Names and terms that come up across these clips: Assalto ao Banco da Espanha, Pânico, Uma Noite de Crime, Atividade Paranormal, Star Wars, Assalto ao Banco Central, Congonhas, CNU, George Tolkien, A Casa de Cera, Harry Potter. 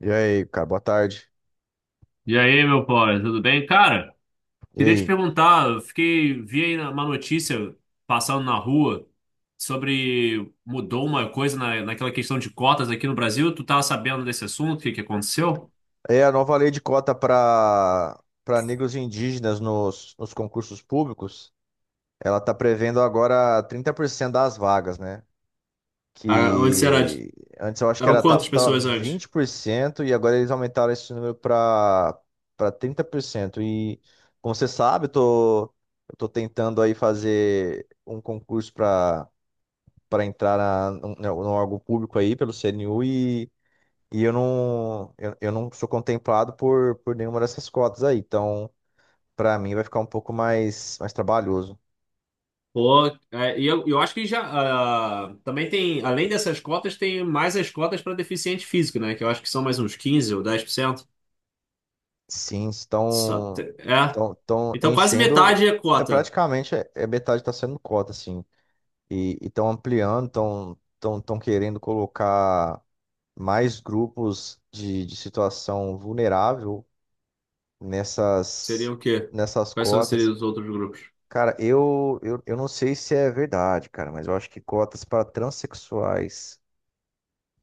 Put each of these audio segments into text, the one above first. E aí, cara, boa tarde. E aí, meu pobre, tudo bem? Cara, E queria te aí? perguntar, vi aí uma notícia passando na rua sobre mudou uma coisa naquela questão de cotas aqui no Brasil. Tu tá sabendo desse assunto? O que que aconteceu? É a nova lei de cota para negros e indígenas nos concursos públicos, ela tá prevendo agora 30% das vagas, né? Ah, antes era, Que antes eu acho que eram era ta- quantas tava pessoas antes? 20% e agora eles aumentaram esse número para 30%. E como você sabe, eu tô tentando aí fazer um concurso para entrar num órgão público aí pelo CNU. Eu não sou contemplado por nenhuma dessas cotas aí. Então, para mim, vai ficar mais trabalhoso. Pô, é, e eu acho que já também tem, além dessas cotas, tem mais as cotas para deficiente físico, né? Que eu acho que são mais uns 15 ou 10%. Sim, Só, é. Estão Então quase enchendo. metade é É, cota. praticamente é, é metade está sendo cota, assim. E estão ampliando, estão querendo colocar mais grupos de situação vulnerável Seria nessas, o quê? nessas Quais são seriam cotas. os outros grupos? Cara, eu não sei se é verdade, cara, mas eu acho que cotas para transexuais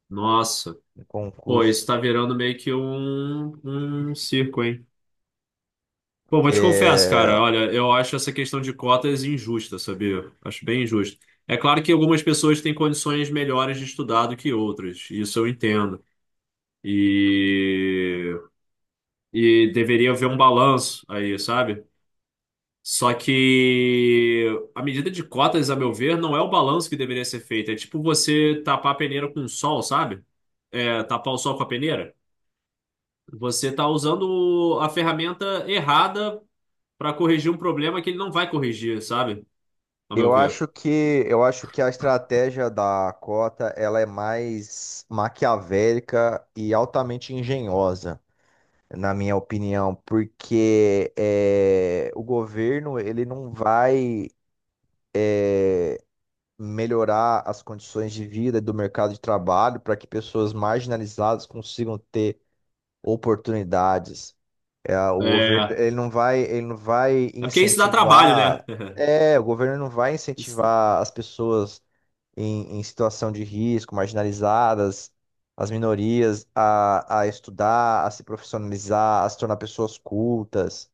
Nossa. em Pô, isso tá concursos. virando meio que um circo, hein? Pô, vou te confessar, É, cara. Olha, eu acho essa questão de cotas injusta, sabia? Acho bem injusto. É claro que algumas pessoas têm condições melhores de estudar do que outras. Isso eu entendo. E, e deveria haver um balanço aí, sabe? Só que a medida de cotas, a meu ver, não é o balanço que deveria ser feito. É tipo você tapar a peneira com o sol, sabe? É, tapar o sol com a peneira. Você está usando a ferramenta errada para corrigir um problema que ele não vai corrigir, sabe? A meu ver. Eu acho que a estratégia da cota ela é mais maquiavélica e altamente engenhosa, na minha opinião, porque o governo ele não vai melhorar as condições de vida do mercado de trabalho para que pessoas marginalizadas consigam ter oportunidades. É, o governo É, ele não vai é porque isso dá trabalho, né? incentivar. É, o governo não vai Isso- incentivar as pessoas em situação de risco, marginalizadas, as minorias, a estudar, a se profissionalizar, a se tornar pessoas cultas.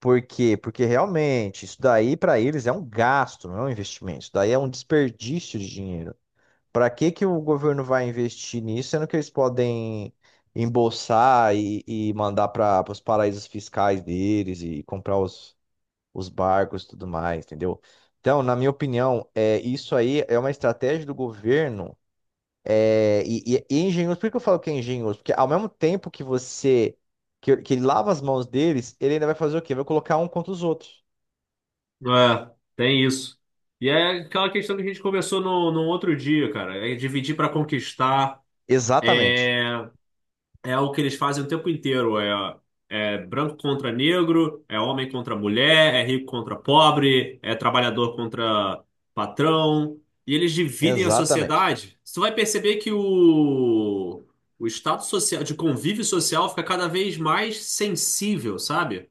Por quê? Porque realmente isso daí para eles é um gasto, não é um investimento. Isso daí é um desperdício de dinheiro. Para que que o governo vai investir nisso, sendo que eles podem embolsar e mandar para os paraísos fiscais deles e comprar os barcos e tudo mais, entendeu? Então, na minha opinião, isso aí é uma estratégia do governo e é engenhoso. Por que eu falo que é engenhoso? Porque ao mesmo tempo que que ele lava as mãos deles, ele ainda vai fazer o quê? Vai colocar um contra os outros. é, tem isso. E é aquela questão que a gente conversou no outro dia, cara. É dividir para conquistar. Exatamente. é É o que eles fazem o tempo inteiro. É branco contra negro, é homem contra mulher, é rico contra pobre, é trabalhador contra patrão. E eles dividem a Exatamente. sociedade. Você vai perceber que o estado social, de convívio social fica cada vez mais sensível, sabe?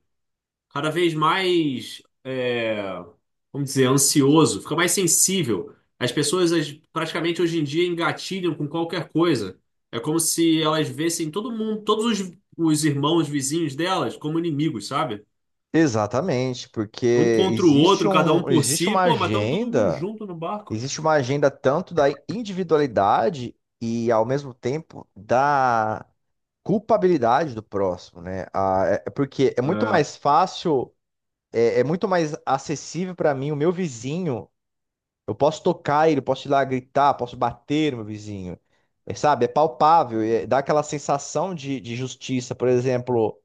Cada vez mais, vamos dizer, ansioso, fica mais sensível. As pessoas praticamente hoje em dia engatilham com qualquer coisa. É como se elas vissem todo mundo, todos os irmãos vizinhos delas como inimigos, sabe? Exatamente, porque Um contra o existe outro, cada um um, por existe si. uma Pô, mas estamos todo mundo agenda, junto no barco. existe uma agenda tanto da individualidade e ao mesmo tempo da culpabilidade do próximo, né? Ah, é porque é muito É. mais fácil, é muito mais acessível para mim o meu vizinho. Eu posso tocar ele, posso ir lá gritar, posso bater no meu vizinho. É, sabe? É palpável, dá aquela sensação de justiça, por exemplo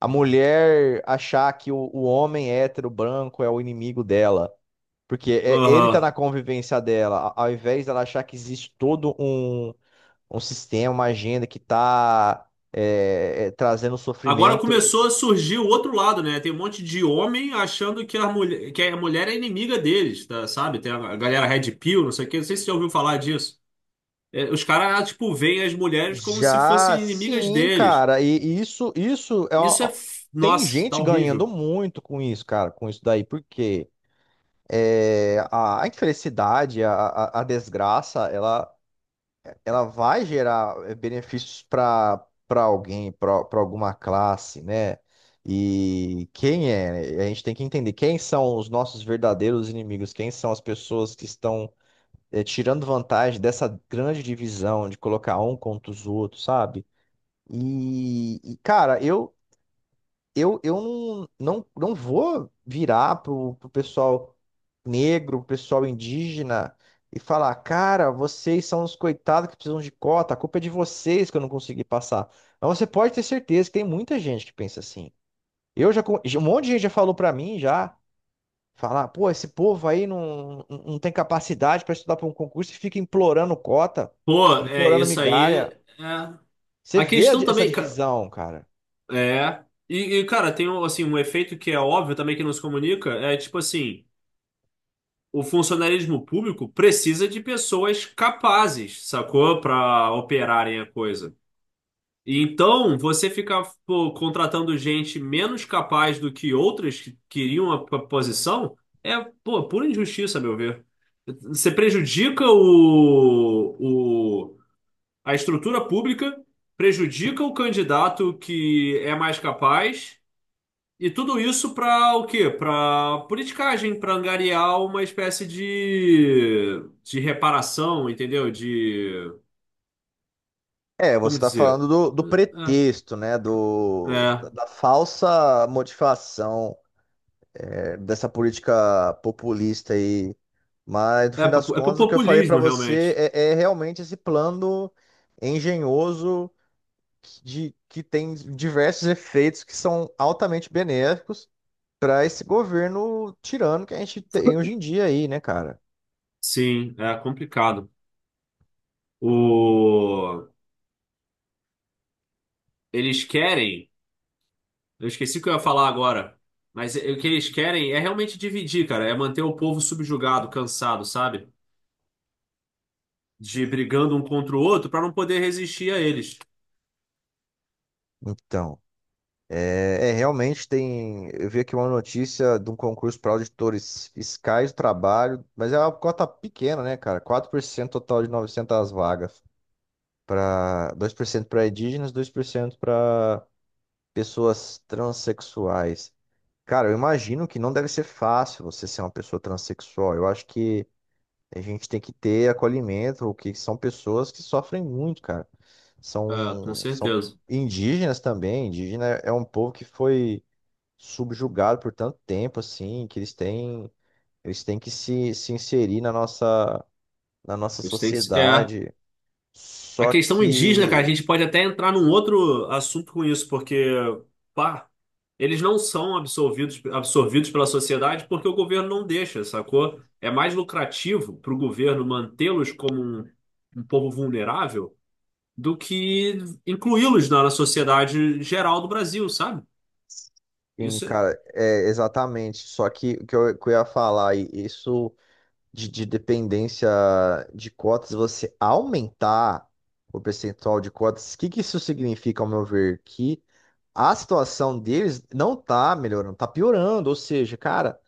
a mulher achar que o homem hétero branco é o inimigo dela. Porque ele tá Aham. na convivência dela, ao invés dela achar que existe um sistema, uma agenda que tá trazendo Agora sofrimento. começou a surgir o outro lado, né? Tem um monte de homem achando que a mulher é inimiga deles, tá? Sabe? Tem a galera Red Pill, não sei o quê. Não sei se você já ouviu falar disso. É, os caras, tipo, veem as mulheres como se Já fossem inimigas sim, deles. cara, e isso é. Isso é. uma- Tem Nossa, tá gente ganhando horrível. muito com isso, cara, com isso daí, porque a infelicidade, a desgraça, ela ela vai gerar benefícios para alguém, para alguma classe, né? E quem é? Né? A gente tem que entender quem são os nossos verdadeiros inimigos, quem são as pessoas que estão tirando vantagem dessa grande divisão de colocar um contra os outros, sabe? Cara, eu não não, vou virar pro pessoal negro, pro pessoal indígena e falar, cara, vocês são os coitados que precisam de cota, a culpa é de vocês que eu não consegui passar. Mas você pode ter certeza que tem muita gente que pensa assim. Um monte de gente já falou pra mim já, falar, pô, esse povo aí não tem capacidade pra estudar pra um concurso e fica implorando cota, Pô, é, implorando isso aí. migalha. É. Você A vê a questão di- essa também. Divisão, cara. É. E, cara, tem um, assim, um efeito que é óbvio também que não se comunica. É tipo assim: o funcionalismo público precisa de pessoas capazes, sacou? Pra operarem a coisa. Então, você ficar pô, contratando gente menos capaz do que outras que queriam a posição é, pô, pura injustiça, a meu ver. Você prejudica a estrutura pública, prejudica o candidato que é mais capaz, e tudo isso para o quê? Para politicagem, para angariar uma espécie de reparação, entendeu? É, você Como está dizer? falando do É, pretexto, né? É, Da falsa motivação, dessa política populista aí. Mas, no fim das É pro contas, o que eu falei para populismo, você realmente. É realmente esse plano engenhoso que tem diversos efeitos que são altamente benéficos para esse governo tirano que a gente tem hoje em dia aí, né, cara? Sim, é complicado. O, eles querem. Eu esqueci o que eu ia falar agora. Mas o que eles querem é realmente dividir, cara. É manter o povo subjugado, cansado, sabe? De brigando um contra o outro pra não poder resistir a eles. Então. Realmente tem. Eu vi aqui uma notícia de um concurso para auditores fiscais do trabalho, mas é uma cota pequena, né, cara? 4% total de 900 vagas. Para 2% para indígenas, 2% para pessoas transexuais. Cara, eu imagino que não deve ser fácil você ser uma pessoa transexual. Eu acho que a gente tem que ter acolhimento, porque são pessoas que sofrem muito, cara. É, com São certeza. indígenas também. Indígena é um povo que foi subjugado por tanto tempo, assim, que eles têm que se inserir na na nossa Eles têm que... se- É. sociedade. A Só questão indígena, cara, a que, gente pode até entrar num outro assunto com isso, porque, pá, eles não são absorvidos pela sociedade porque o governo não deixa, sacou? É mais lucrativo pro governo mantê-los como um povo vulnerável do que incluí-los na sociedade geral do Brasil, sabe? Isso cara, é exatamente. Só que que eu ia falar, e isso de dependência de cotas, você aumentar o percentual de cotas, que isso significa, ao meu ver? Que a situação deles não tá melhorando, tá piorando. Ou seja, cara.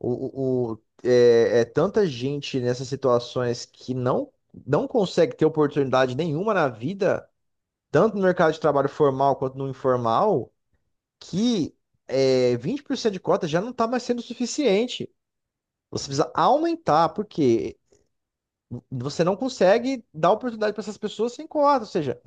É tanta gente nessas situações que não consegue ter oportunidade nenhuma na vida, tanto no mercado de trabalho formal quanto no informal, que 20% de cota já não está mais sendo suficiente. Você precisa aumentar, porque você não consegue dar oportunidade para essas pessoas sem cota, ou seja,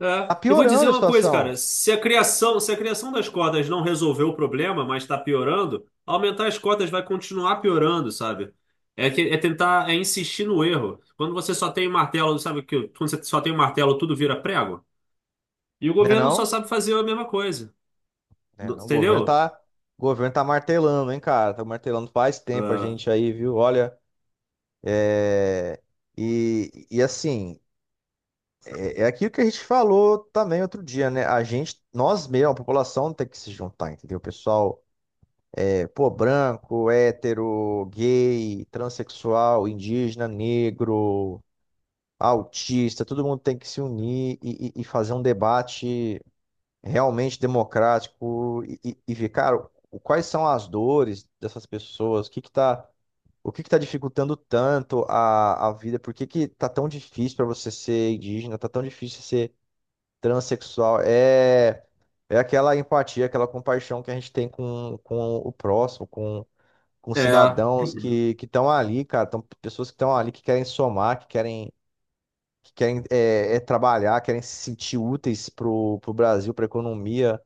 é. tá É. E vou piorando dizer a uma coisa, cara. situação, Se a criação das cotas não resolveu o problema, mas está piorando, aumentar as cotas vai continuar piorando, sabe? É, é tentar, é insistir no erro. Quando você só tem martelo, sabe que quando você só tem um martelo, tudo vira prego. E o né governo só não? sabe fazer a mesma coisa. Né não, Entendeu? O governo tá martelando, hein, cara? Tá martelando faz tempo a gente aí, viu? Olha. É, e assim, é aquilo que a gente falou também outro dia, né? Nós mesmos, a população tem que se juntar, entendeu? O pessoal pô, branco, hétero, gay, transexual, indígena, negro, autista, todo mundo tem que se unir e fazer um debate realmente democrático e ver, cara, quais são as dores dessas pessoas, o que está dificultando tanto a vida? Por que que tá tão difícil para você ser indígena? Tá tão difícil ser transexual? É aquela empatia, aquela compaixão que a gente tem com o próximo, com É. É. cidadãos que estão ali, cara. Tão, pessoas que estão ali que querem somar, que querem trabalhar, querem se sentir úteis pro Brasil, pra economia.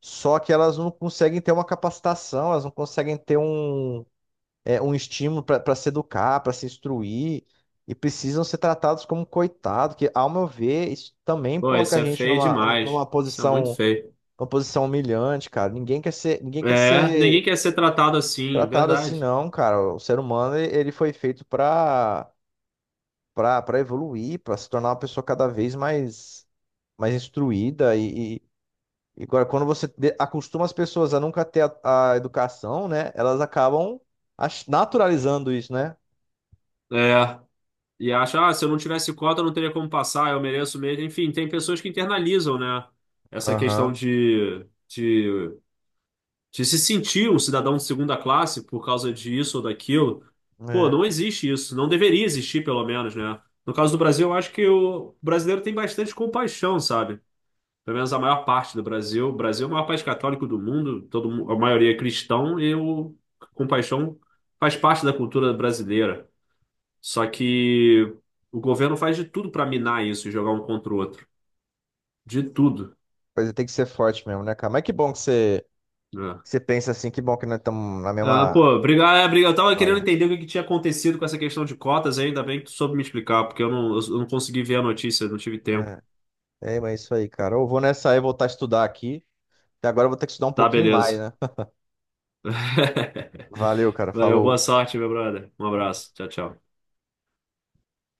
Só que elas não conseguem ter uma capacitação, elas não conseguem ter um estímulo para se educar, para se instruir, e precisam ser tratados como coitado, que, ao meu ver, isso também Pô, coloca isso a é gente feio demais. numa Isso é muito posição, feio. uma posição humilhante, cara. Ninguém quer É, ninguém ser quer ser tratado assim, tratado assim, verdade. não, cara. O ser humano, ele foi feito para evoluir, para se tornar uma pessoa mais instruída e agora, quando você acostuma as pessoas a nunca ter a educação, né? Elas acabam naturalizando isso, né? É, e acha, se eu não tivesse cota, eu não teria como passar, eu mereço mesmo. Enfim, tem pessoas que internalizam, né, essa questão Aham. De se sentir um cidadão de segunda classe por causa disso ou daquilo. Pô, É. não existe isso, não deveria existir, pelo menos, né? No caso do Brasil, eu acho que o brasileiro tem bastante compaixão, sabe? Pelo menos a maior parte do Brasil. O Brasil é o maior país católico do mundo, todo, a maioria é cristão e o compaixão faz parte da cultura brasileira. Só que o governo faz de tudo para minar isso e jogar um contra o outro. De tudo, Coisa tem que ser forte mesmo, né, cara? Mas que bom né? que você pensa assim, que bom que nós estamos na Ah, pô, mesma obrigado, obrigado. Eu tava querendo página. entender o que que tinha acontecido com essa questão de cotas, e ainda bem que tu soube me explicar, porque eu não consegui ver a notícia, não tive tempo. É. É, mas é isso aí, cara. Eu vou nessa aí voltar a estudar aqui. E agora eu vou ter que estudar um Tá, pouquinho mais, beleza. né? Valeu, cara. Valeu, boa Falou. sorte, meu brother. Um abraço. Tchau, tchau.